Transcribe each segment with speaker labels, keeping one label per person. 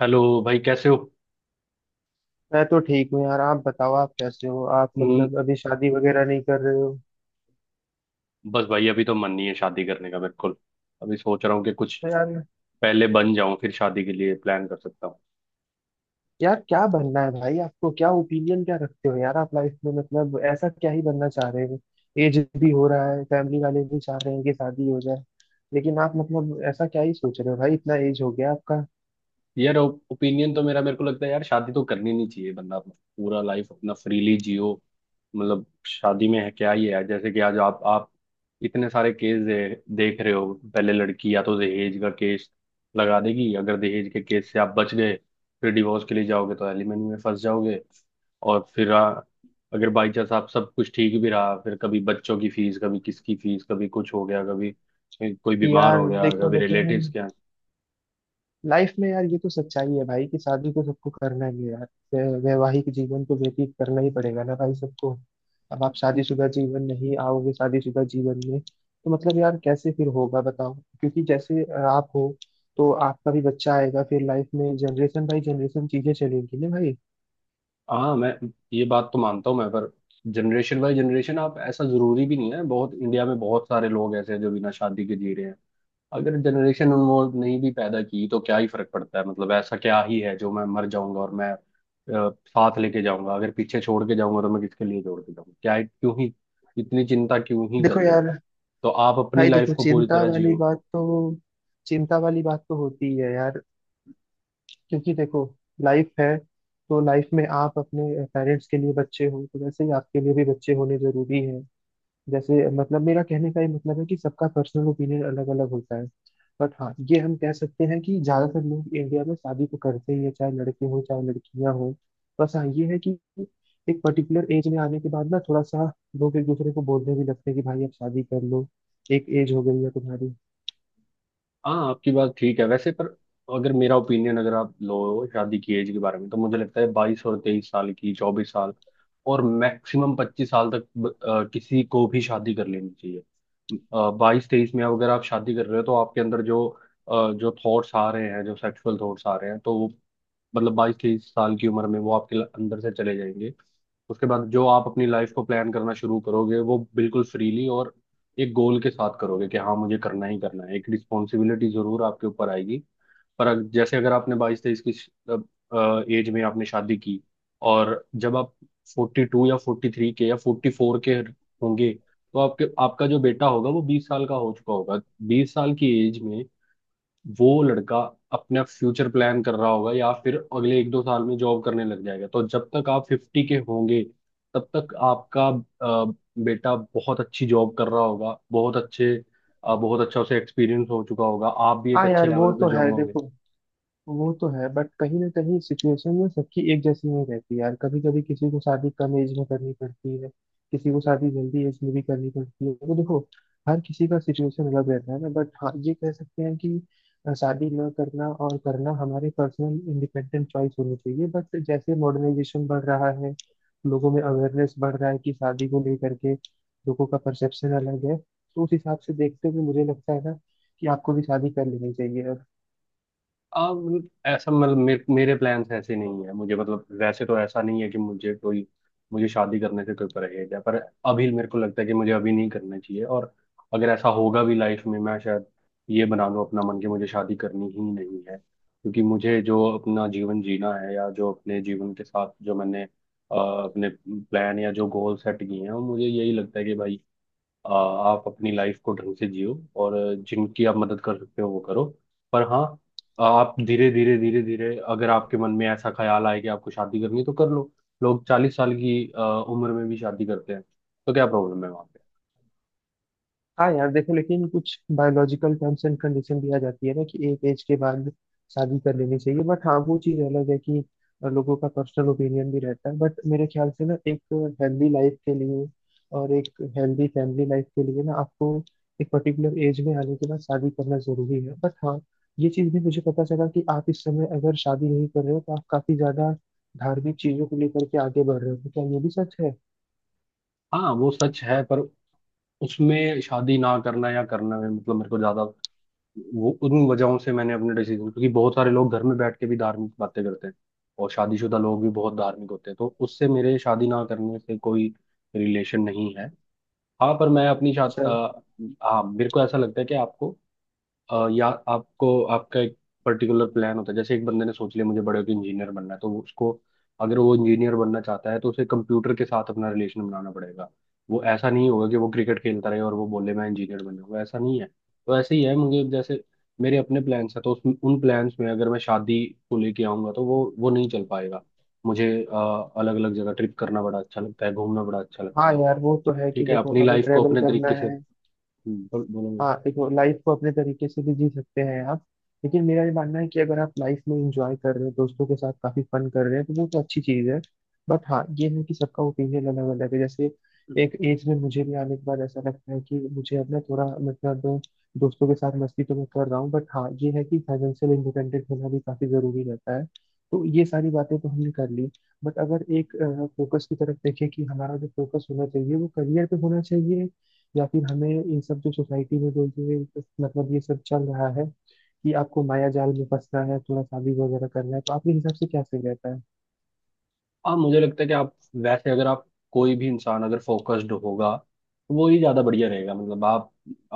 Speaker 1: Hello भाई, कैसे हो?
Speaker 2: मैं तो ठीक हूँ यार। आप बताओ, आप कैसे हो? आप
Speaker 1: हम्म।
Speaker 2: मतलब अभी शादी वगैरह नहीं कर रहे हो?
Speaker 1: बस भाई, अभी तो मन नहीं है शादी करने का बिल्कुल। अभी सोच रहा हूँ कि कुछ
Speaker 2: तो यार,
Speaker 1: पहले बन जाऊं, फिर शादी के लिए प्लान कर सकता हूँ।
Speaker 2: यार क्या बनना है भाई? आपको क्या ओपिनियन, क्या रखते हो यार आप लाइफ में? मतलब ऐसा क्या ही बनना चाह रहे हो? एज भी हो रहा है, फैमिली वाले भी चाह रहे हैं कि शादी हो जाए। लेकिन आप मतलब ऐसा क्या ही सोच रहे हो भाई? इतना एज हो गया आपका।
Speaker 1: यार ओपिनियन तो मेरा, मेरे को लगता है यार शादी तो करनी नहीं चाहिए, बंदा अपना पूरा लाइफ अपना फ्रीली जियो। मतलब शादी में है क्या ही है? जैसे कि आज आप इतने सारे केस देख रहे हो। पहले लड़की या तो दहेज का केस लगा देगी, अगर दहेज के केस से आप बच गए, फिर डिवोर्स के लिए जाओगे तो एलिमनी में फंस जाओगे। और फिर अगर बाई चांस आप सब कुछ ठीक भी रहा, फिर कभी बच्चों की फीस, कभी किसकी फीस, कभी कुछ हो गया, कभी कोई
Speaker 2: कि
Speaker 1: बीमार हो
Speaker 2: यार
Speaker 1: गया,
Speaker 2: देखो,
Speaker 1: कभी रिलेटिव्स
Speaker 2: लेकिन
Speaker 1: के यहाँ।
Speaker 2: लाइफ में यार, ये तो सच्चाई है भाई कि शादी तो सबको करना ही है यार। वैवाहिक जीवन तो व्यतीत करना ही पड़ेगा ना भाई सबको। अब आप शादीशुदा जीवन नहीं आओगे, शादीशुदा जीवन में तो मतलब यार कैसे फिर होगा बताओ? क्योंकि जैसे आप हो, तो आपका भी बच्चा आएगा फिर लाइफ में, जनरेशन बाई जनरेशन चीजें चलेंगी ना भाई।
Speaker 1: हाँ मैं ये बात तो मानता हूँ मैं, पर जनरेशन बाय जनरेशन आप ऐसा जरूरी भी नहीं है। बहुत इंडिया में बहुत सारे लोग ऐसे हैं जो बिना शादी के जी रहे हैं। अगर जनरेशन वो नहीं भी पैदा की तो क्या ही फर्क पड़ता है? मतलब ऐसा क्या ही है जो मैं मर जाऊंगा और मैं साथ लेके जाऊंगा? अगर पीछे छोड़ के जाऊंगा तो मैं किसके लिए छोड़ के जाऊंगा? क्यों ही इतनी चिंता क्यों ही
Speaker 2: देखो
Speaker 1: करनी?
Speaker 2: यार।
Speaker 1: तो आप अपनी
Speaker 2: भाई
Speaker 1: लाइफ
Speaker 2: देखो,
Speaker 1: को पूरी
Speaker 2: चिंता
Speaker 1: तरह
Speaker 2: वाली
Speaker 1: जियो।
Speaker 2: बात तो होती ही है यार। क्योंकि देखो लाइफ है, तो लाइफ में आप अपने पेरेंट्स के लिए बच्चे हो तो वैसे ही आपके लिए भी बच्चे होने जरूरी है। जैसे मतलब मेरा कहने का ये मतलब है कि सबका पर्सनल ओपिनियन अलग अलग होता है। बट हाँ, ये हम कह सकते हैं कि ज्यादातर लोग इंडिया में शादी तो करते ही है, चाहे लड़के हो चाहे लड़कियां हो। बस हाँ ये है कि एक पर्टिकुलर एज में आने के बाद ना थोड़ा सा लोग एक दूसरे को बोलने भी लगते हैं कि भाई अब शादी कर लो, एक एज हो गई है तुम्हारी।
Speaker 1: हाँ आपकी बात ठीक है वैसे, पर अगर मेरा ओपिनियन अगर आप लो शादी की एज के बारे में, तो मुझे लगता है 22 और 23 साल की, 24 साल और मैक्सिमम 25 साल तक किसी को भी शादी कर लेनी चाहिए। 22 23 में अगर आप शादी कर रहे हो तो आपके अंदर जो थॉट्स आ रहे हैं, जो सेक्सुअल थॉट्स आ रहे हैं, तो वो मतलब 22 23 साल की उम्र में वो आपके अंदर से चले जाएंगे। उसके बाद जो आप अपनी लाइफ को प्लान करना शुरू करोगे, वो बिल्कुल फ्रीली और एक गोल के साथ करोगे कि हाँ मुझे करना ही करना है। एक रिस्पॉन्सिबिलिटी जरूर आपके ऊपर आएगी। पर जैसे अगर आपने 22 23 की एज में आपने शादी की, और जब आप 42 या 43 के या 44 के होंगे, तो आपके आपका जो बेटा होगा वो 20 साल का हो चुका होगा। 20 साल की एज में वो लड़का अपना फ्यूचर प्लान कर रहा होगा, या फिर अगले एक दो साल में जॉब करने लग जाएगा। तो जब तक आप 50 के होंगे, तब तक आपका बेटा बहुत अच्छी जॉब कर रहा होगा, बहुत अच्छा उसे एक्सपीरियंस हो चुका होगा, आप भी एक
Speaker 2: हाँ
Speaker 1: अच्छे
Speaker 2: यार, वो
Speaker 1: लेवल पे
Speaker 2: तो
Speaker 1: जॉब
Speaker 2: है।
Speaker 1: में होंगे।
Speaker 2: देखो, वो तो है बट कहीं ना कहीं सिचुएशन में सबकी एक जैसी नहीं रहती यार। कभी कभी किसी को शादी कम एज में करनी पड़ती है, किसी को शादी जल्दी एज में भी करनी पड़ती है, तो देखो हर किसी का सिचुएशन अलग रहता है ना। बट हाँ, ये कह सकते हैं कि शादी न करना और करना हमारे पर्सनल इंडिपेंडेंट चॉइस होनी चाहिए। बट जैसे मॉडर्नाइजेशन बढ़ रहा है, लोगों में अवेयरनेस बढ़ रहा है कि शादी को लेकर के लोगों का परसेप्शन अलग है, तो उस हिसाब से देखते हुए मुझे लगता है ना कि आपको भी शादी कर लेनी चाहिए।
Speaker 1: मतलब ऐसा मतलब मेरे प्लान्स ऐसे नहीं है, मुझे मतलब वैसे तो ऐसा नहीं है कि मुझे कोई मुझे शादी करने से कोई परहेज है, पर अभी मेरे को लगता है कि मुझे अभी नहीं करना चाहिए। और अगर ऐसा होगा भी लाइफ में, मैं शायद ये बना लूं अपना मन कि मुझे शादी करनी ही नहीं है, क्योंकि मुझे जो अपना जीवन जीना है, या जो अपने जीवन के साथ जो मैंने अपने प्लान या जो गोल सेट किए हैं, वो मुझे यही लगता है कि भाई आप अपनी लाइफ को ढंग से जियो, और जिनकी आप मदद कर सकते हो वो करो। पर हाँ, आप धीरे धीरे धीरे धीरे अगर आपके मन में ऐसा ख्याल आए कि आपको शादी करनी है तो कर लो। लोग 40 साल की उम्र में भी शादी करते हैं, तो क्या प्रॉब्लम है वहां पे?
Speaker 2: हाँ यार, देखो लेकिन कुछ बायोलॉजिकल टर्म्स एंड कंडीशन भी आ जाती है ना कि एक एज के बाद शादी कर लेनी चाहिए। बट हाँ, वो चीज़ अलग है कि लोगों का पर्सनल ओपिनियन भी रहता है, बट मेरे ख्याल से ना एक हेल्दी लाइफ के लिए और एक हेल्दी फैमिली लाइफ के लिए ना आपको एक पर्टिकुलर एज में आने के बाद शादी करना जरूरी है। बट हाँ, ये चीज़ भी मुझे पता चला कि आप इस समय अगर शादी नहीं कर रहे हो, तो आप काफी ज्यादा धार्मिक चीजों को लेकर के आगे बढ़ रहे हो, तो क्या ये भी सच है?
Speaker 1: हाँ वो सच है, पर उसमें शादी ना करना या करना में मतलब मेरे को ज्यादा वो उन वजहों से मैंने अपने डिसीजन, क्योंकि बहुत सारे लोग घर में बैठ के भी धार्मिक बातें करते हैं, और शादीशुदा लोग भी बहुत धार्मिक होते हैं, तो उससे मेरे शादी ना करने से कोई रिलेशन नहीं है। हाँ पर मैं अपनी छात्र।
Speaker 2: अच्छा।
Speaker 1: हाँ मेरे को ऐसा लगता है कि आपको या आपको आपका एक पर्टिकुलर प्लान होता है। जैसे एक बंदे ने सोच लिया मुझे बड़े होकर इंजीनियर बनना है, तो उसको अगर वो इंजीनियर बनना चाहता है तो उसे कंप्यूटर के साथ अपना रिलेशन बनाना पड़ेगा। वो ऐसा नहीं होगा कि वो क्रिकेट खेलता रहे और वो बोले मैं इंजीनियर बनूंगा, ऐसा नहीं है। तो ऐसे ही है मुझे, जैसे मेरे अपने प्लान्स हैं, तो उस उन प्लान्स में अगर मैं शादी को लेके आऊंगा तो वो नहीं चल पाएगा। मुझे अलग अलग जगह ट्रिप करना बड़ा अच्छा लगता है, घूमना बड़ा अच्छा लगता
Speaker 2: हाँ
Speaker 1: है।
Speaker 2: यार, वो तो है कि
Speaker 1: ठीक है
Speaker 2: देखो
Speaker 1: अपनी
Speaker 2: अगर
Speaker 1: लाइफ को
Speaker 2: ट्रेवल
Speaker 1: अपने
Speaker 2: करना
Speaker 1: तरीके से
Speaker 2: है।
Speaker 1: बोलूंगा।
Speaker 2: हाँ देखो, लाइफ को अपने तरीके से भी जी सकते हैं आप, लेकिन मेरा ये मानना है कि अगर आप लाइफ में इंजॉय कर रहे हैं, दोस्तों के साथ काफी फन कर रहे हैं, तो वो तो अच्छी चीज है। बट हाँ ये है कि सबका ओपिनियन अलग अलग है। जैसे एक एज में मुझे भी आने के बाद ऐसा लगता है कि मुझे अपना थोड़ा मतलब दोस्तों के साथ मस्ती तो मैं कर रहा हूँ। बट हाँ ये है कि फाइनेंशियल इंडिपेंडेंट होना भी काफी जरूरी रहता है। तो ये सारी बातें तो हमने कर ली। बट अगर एक फोकस की तरफ देखें कि हमारा जो फोकस होना चाहिए वो करियर पे होना चाहिए, या फिर हमें ये सब जो सोसाइटी में जो ये मतलब ये सब चल रहा है कि आपको माया जाल में फंसना है, थोड़ा शादी वगैरह करना है, तो आपके हिसाब से क्या सही रहता है?
Speaker 1: आप मुझे लगता है कि आप, वैसे अगर आप, कोई भी इंसान अगर फोकस्ड होगा तो वो ही ज्यादा बढ़िया रहेगा। मतलब आप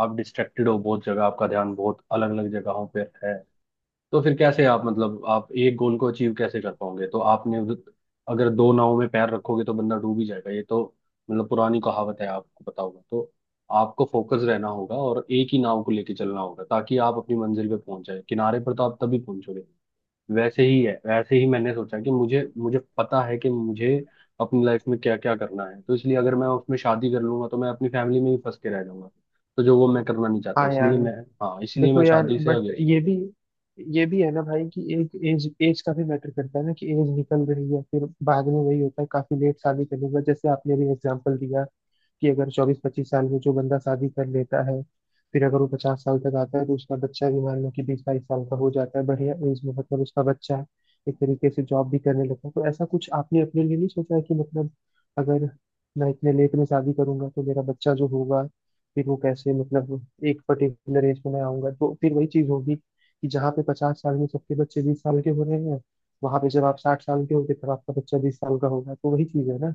Speaker 1: आप डिस्ट्रैक्टेड हो बहुत जगह, आपका ध्यान बहुत अलग अलग जगहों पर है, तो फिर कैसे आप, मतलब आप एक गोल को अचीव कैसे कर पाओगे? तो आपने अगर दो नावों में पैर रखोगे तो बंदा डूब ही जाएगा, ये तो मतलब पुरानी कहावत है आपको पता होगा। तो आपको फोकस रहना होगा और एक ही नाव को लेके चलना होगा ताकि आप अपनी मंजिल पे पहुंच जाए, किनारे पर तो आप तभी पहुंचोगे। वैसे ही है, वैसे ही मैंने सोचा कि मुझे मुझे पता है कि मुझे अपनी लाइफ में क्या क्या करना है। तो इसलिए अगर मैं उसमें शादी कर लूंगा तो मैं अपनी फैमिली में ही फंस के रह जाऊंगा, तो जो वो मैं करना नहीं चाहता,
Speaker 2: हाँ यार,
Speaker 1: इसलिए मैं, हाँ इसलिए
Speaker 2: देखो
Speaker 1: मैं
Speaker 2: यार,
Speaker 1: शादी से
Speaker 2: बट
Speaker 1: अगेंस्ट।
Speaker 2: ये भी है ना भाई कि एक एज एज का भी मैटर करता है ना कि एज निकल रही है, फिर बाद में वही होता है काफी लेट शादी करने के बाद, जैसे आपने भी एग्जांपल दिया कि अगर 24-25 साल में जो बंदा शादी कर लेता है, फिर अगर वो 50 साल तक आता है तो उसका बच्चा भी मान लो कि 20-22 साल का हो जाता है बढ़िया एज में, मतलब उसका बच्चा एक तरीके से जॉब भी करने लगता है। तो ऐसा कुछ आपने अपने लिए नहीं सोचा है कि मतलब अगर मैं इतने लेट में शादी करूंगा तो मेरा बच्चा जो होगा फिर वो कैसे, मतलब एक पर्टिकुलर एज में मैं आऊंगा तो फिर वही चीज होगी कि जहाँ पे 50 साल में सबके बच्चे 20 साल के हो रहे हैं, वहां पे जब आप 60 साल के होंगे तब आपका बच्चा 20 साल का होगा, तो वही चीज है ना।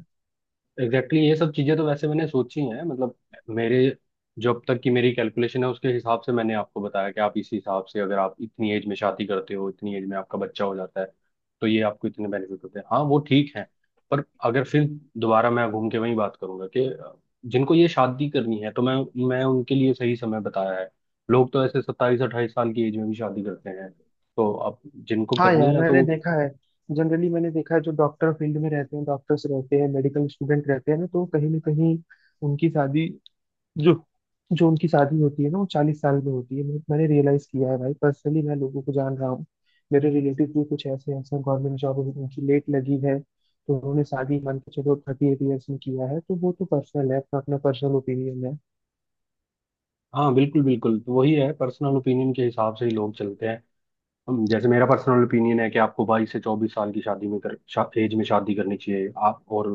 Speaker 1: एग्जैक्टली exactly, ये सब चीजें तो वैसे मैंने सोची हैं। मतलब मेरे जो अब तक की मेरी कैलकुलेशन है, उसके हिसाब से मैंने आपको बताया कि आप इसी हिसाब से अगर आप इतनी एज में शादी करते हो, इतनी एज में आपका बच्चा हो जाता है, तो ये आपको इतने बेनिफिट होते हैं। हाँ वो ठीक है। पर अगर फिर दोबारा मैं घूम के वही बात करूंगा कि जिनको ये शादी करनी है, तो मैं उनके लिए सही समय बताया है। लोग तो ऐसे 27 28 साल की एज में भी शादी करते हैं, तो अब जिनको
Speaker 2: हाँ
Speaker 1: करनी
Speaker 2: यार,
Speaker 1: है
Speaker 2: मैंने
Speaker 1: तो।
Speaker 2: देखा है। जनरली मैंने देखा है, जो डॉक्टर फील्ड में रहते हैं, डॉक्टर्स रहते हैं, मेडिकल स्टूडेंट रहते हैं ना, तो कहीं ना कहीं उनकी शादी जो जो उनकी शादी होती है ना, वो 40 साल में होती है। मैंने रियलाइज किया है भाई, पर्सनली मैं लोगों को जान रहा हूँ। मेरे रिलेटिव भी कुछ ऐसे ऐसे गवर्नमेंट जॉब, उनकी लेट लगी है तो उन्होंने शादी मान के चलो 38 years में किया है, तो वो तो पर्सनल है, अपना अपना पर्सनल ओपिनियन है।
Speaker 1: हाँ बिल्कुल बिल्कुल, तो वही है पर्सनल ओपिनियन के हिसाब से ही लोग चलते हैं। हम जैसे मेरा पर्सनल ओपिनियन है कि आपको 22 से 24 साल की शादी में एज में शादी करनी चाहिए। आप और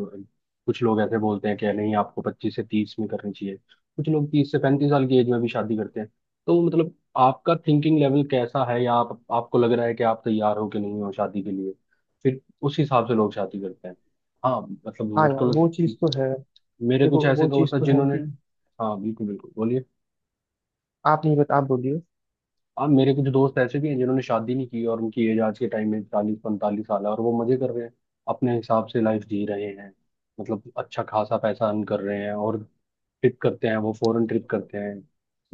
Speaker 1: कुछ लोग ऐसे बोलते हैं कि नहीं आपको 25 से 30 में करनी चाहिए। कुछ लोग 30 से 35 साल की एज में भी शादी करते हैं। तो मतलब आपका थिंकिंग लेवल कैसा है, या आप, आपको लग रहा है कि आप तैयार हो कि नहीं हो शादी के लिए, फिर उस हिसाब से लोग शादी करते हैं। हाँ मतलब
Speaker 2: हाँ
Speaker 1: मेरे
Speaker 2: यार,
Speaker 1: को,
Speaker 2: वो चीज़ तो है।
Speaker 1: मेरे कुछ
Speaker 2: देखो,
Speaker 1: ऐसे
Speaker 2: वो
Speaker 1: दोस्त
Speaker 2: चीज़
Speaker 1: हैं
Speaker 2: तो है
Speaker 1: जिन्होंने,
Speaker 2: कि
Speaker 1: हाँ बिल्कुल बिल्कुल बोलिए।
Speaker 2: आप नहीं बता, आप बोलिए।
Speaker 1: अब मेरे कुछ दोस्त ऐसे भी हैं जिन्होंने शादी नहीं की और उनकी एज आज के टाइम में 40 45 साल है, और वो मजे कर रहे हैं, अपने हिसाब से लाइफ जी रहे हैं। मतलब अच्छा खासा पैसा अर्न कर रहे हैं, और ट्रिप करते हैं, वो फॉरेन ट्रिप करते हैं।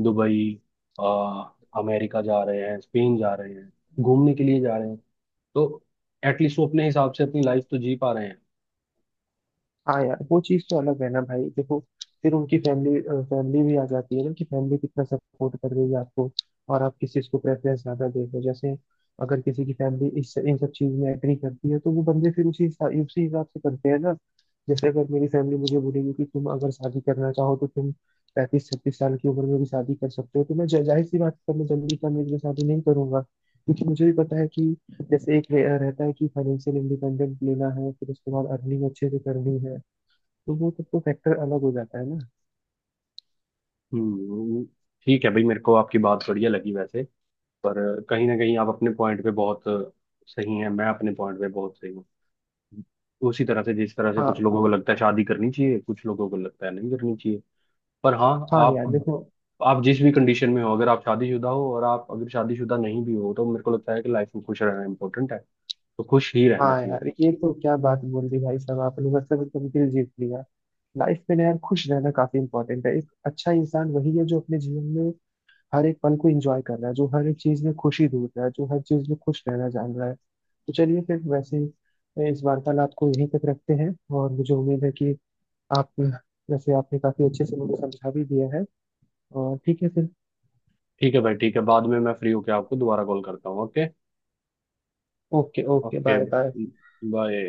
Speaker 1: दुबई, आ, अमेरिका जा रहे हैं, स्पेन जा रहे हैं, घूमने के लिए जा रहे हैं, तो एटलीस्ट वो अपने हिसाब से अपनी लाइफ तो जी पा रहे हैं।
Speaker 2: हाँ यार, वो चीज़ तो अलग है ना भाई। देखो, फिर उनकी फैमिली फैमिली भी आ जाती है ना कि फैमिली कितना सपोर्ट कर रही है आपको? और आप किस चीज़ को प्रेफरेंस ज़्यादा दे रहे हो? जैसे अगर किसी की फैमिली इस इन सब चीज़ में एग्री करती है तो वो बंदे फिर उसी हिसाब से करते हैं ना। जैसे अगर मेरी फैमिली मुझे बोलेगी कि तुम अगर शादी करना चाहो तो तुम 35-36 साल की उम्र में भी शादी कर सकते हो, तो मैं जाहिर सी बात है मैं जल्दी का मेरी शादी नहीं करूंगा। क्योंकि मुझे भी पता है कि जैसे एक रहता है कि फाइनेंशियल इंडिपेंडेंट लेना है, फिर उसके बाद अर्निंग अच्छे से करनी है, तो वो सब तो फैक्टर अलग हो जाता है ना।
Speaker 1: हम्म। ठीक है भाई, मेरे को आपकी बात बढ़िया लगी वैसे, पर कहीं ना कहीं आप अपने पॉइंट पे बहुत सही हैं, मैं अपने पॉइंट पे बहुत सही हूँ। उसी तरह से जिस तरह से कुछ
Speaker 2: हाँ।
Speaker 1: लोगों को लगता है शादी करनी चाहिए, कुछ लोगों को लगता है नहीं करनी चाहिए। पर हाँ
Speaker 2: हाँ
Speaker 1: आप,
Speaker 2: यार देखो।
Speaker 1: आप जिस भी कंडीशन में हो, अगर आप शादीशुदा हो और आप अगर शादीशुदा नहीं भी हो, तो मेरे को लगता है कि लाइफ में खुश रहना इंपॉर्टेंट है, तो खुश ही रहना
Speaker 2: हाँ
Speaker 1: चाहिए।
Speaker 2: यार, ये तो क्या बात बोल दी भाई साहब आपने! मतलब एकदम दिल जीत लिया। लाइफ में ना यार खुश रहना काफी इंपॉर्टेंट है। एक अच्छा इंसान वही है जो अपने जीवन में हर एक पल को एंजॉय कर रहा है, जो हर एक चीज में खुशी ढूंढ रहा है, जो हर चीज में खुश रहना जान रहा है। तो चलिए फिर वैसे ही इस वार्तालाप को यहीं तक रखते हैं, और मुझे उम्मीद है कि आप वैसे आपने काफी अच्छे से मुझे समझा भी दिया है, और ठीक है फिर।
Speaker 1: ठीक है भाई, ठीक है, बाद में मैं फ्री होके आपको दोबारा कॉल करता हूँ। Okay.
Speaker 2: Okay okay,
Speaker 1: okay
Speaker 2: bye bye.
Speaker 1: Bye.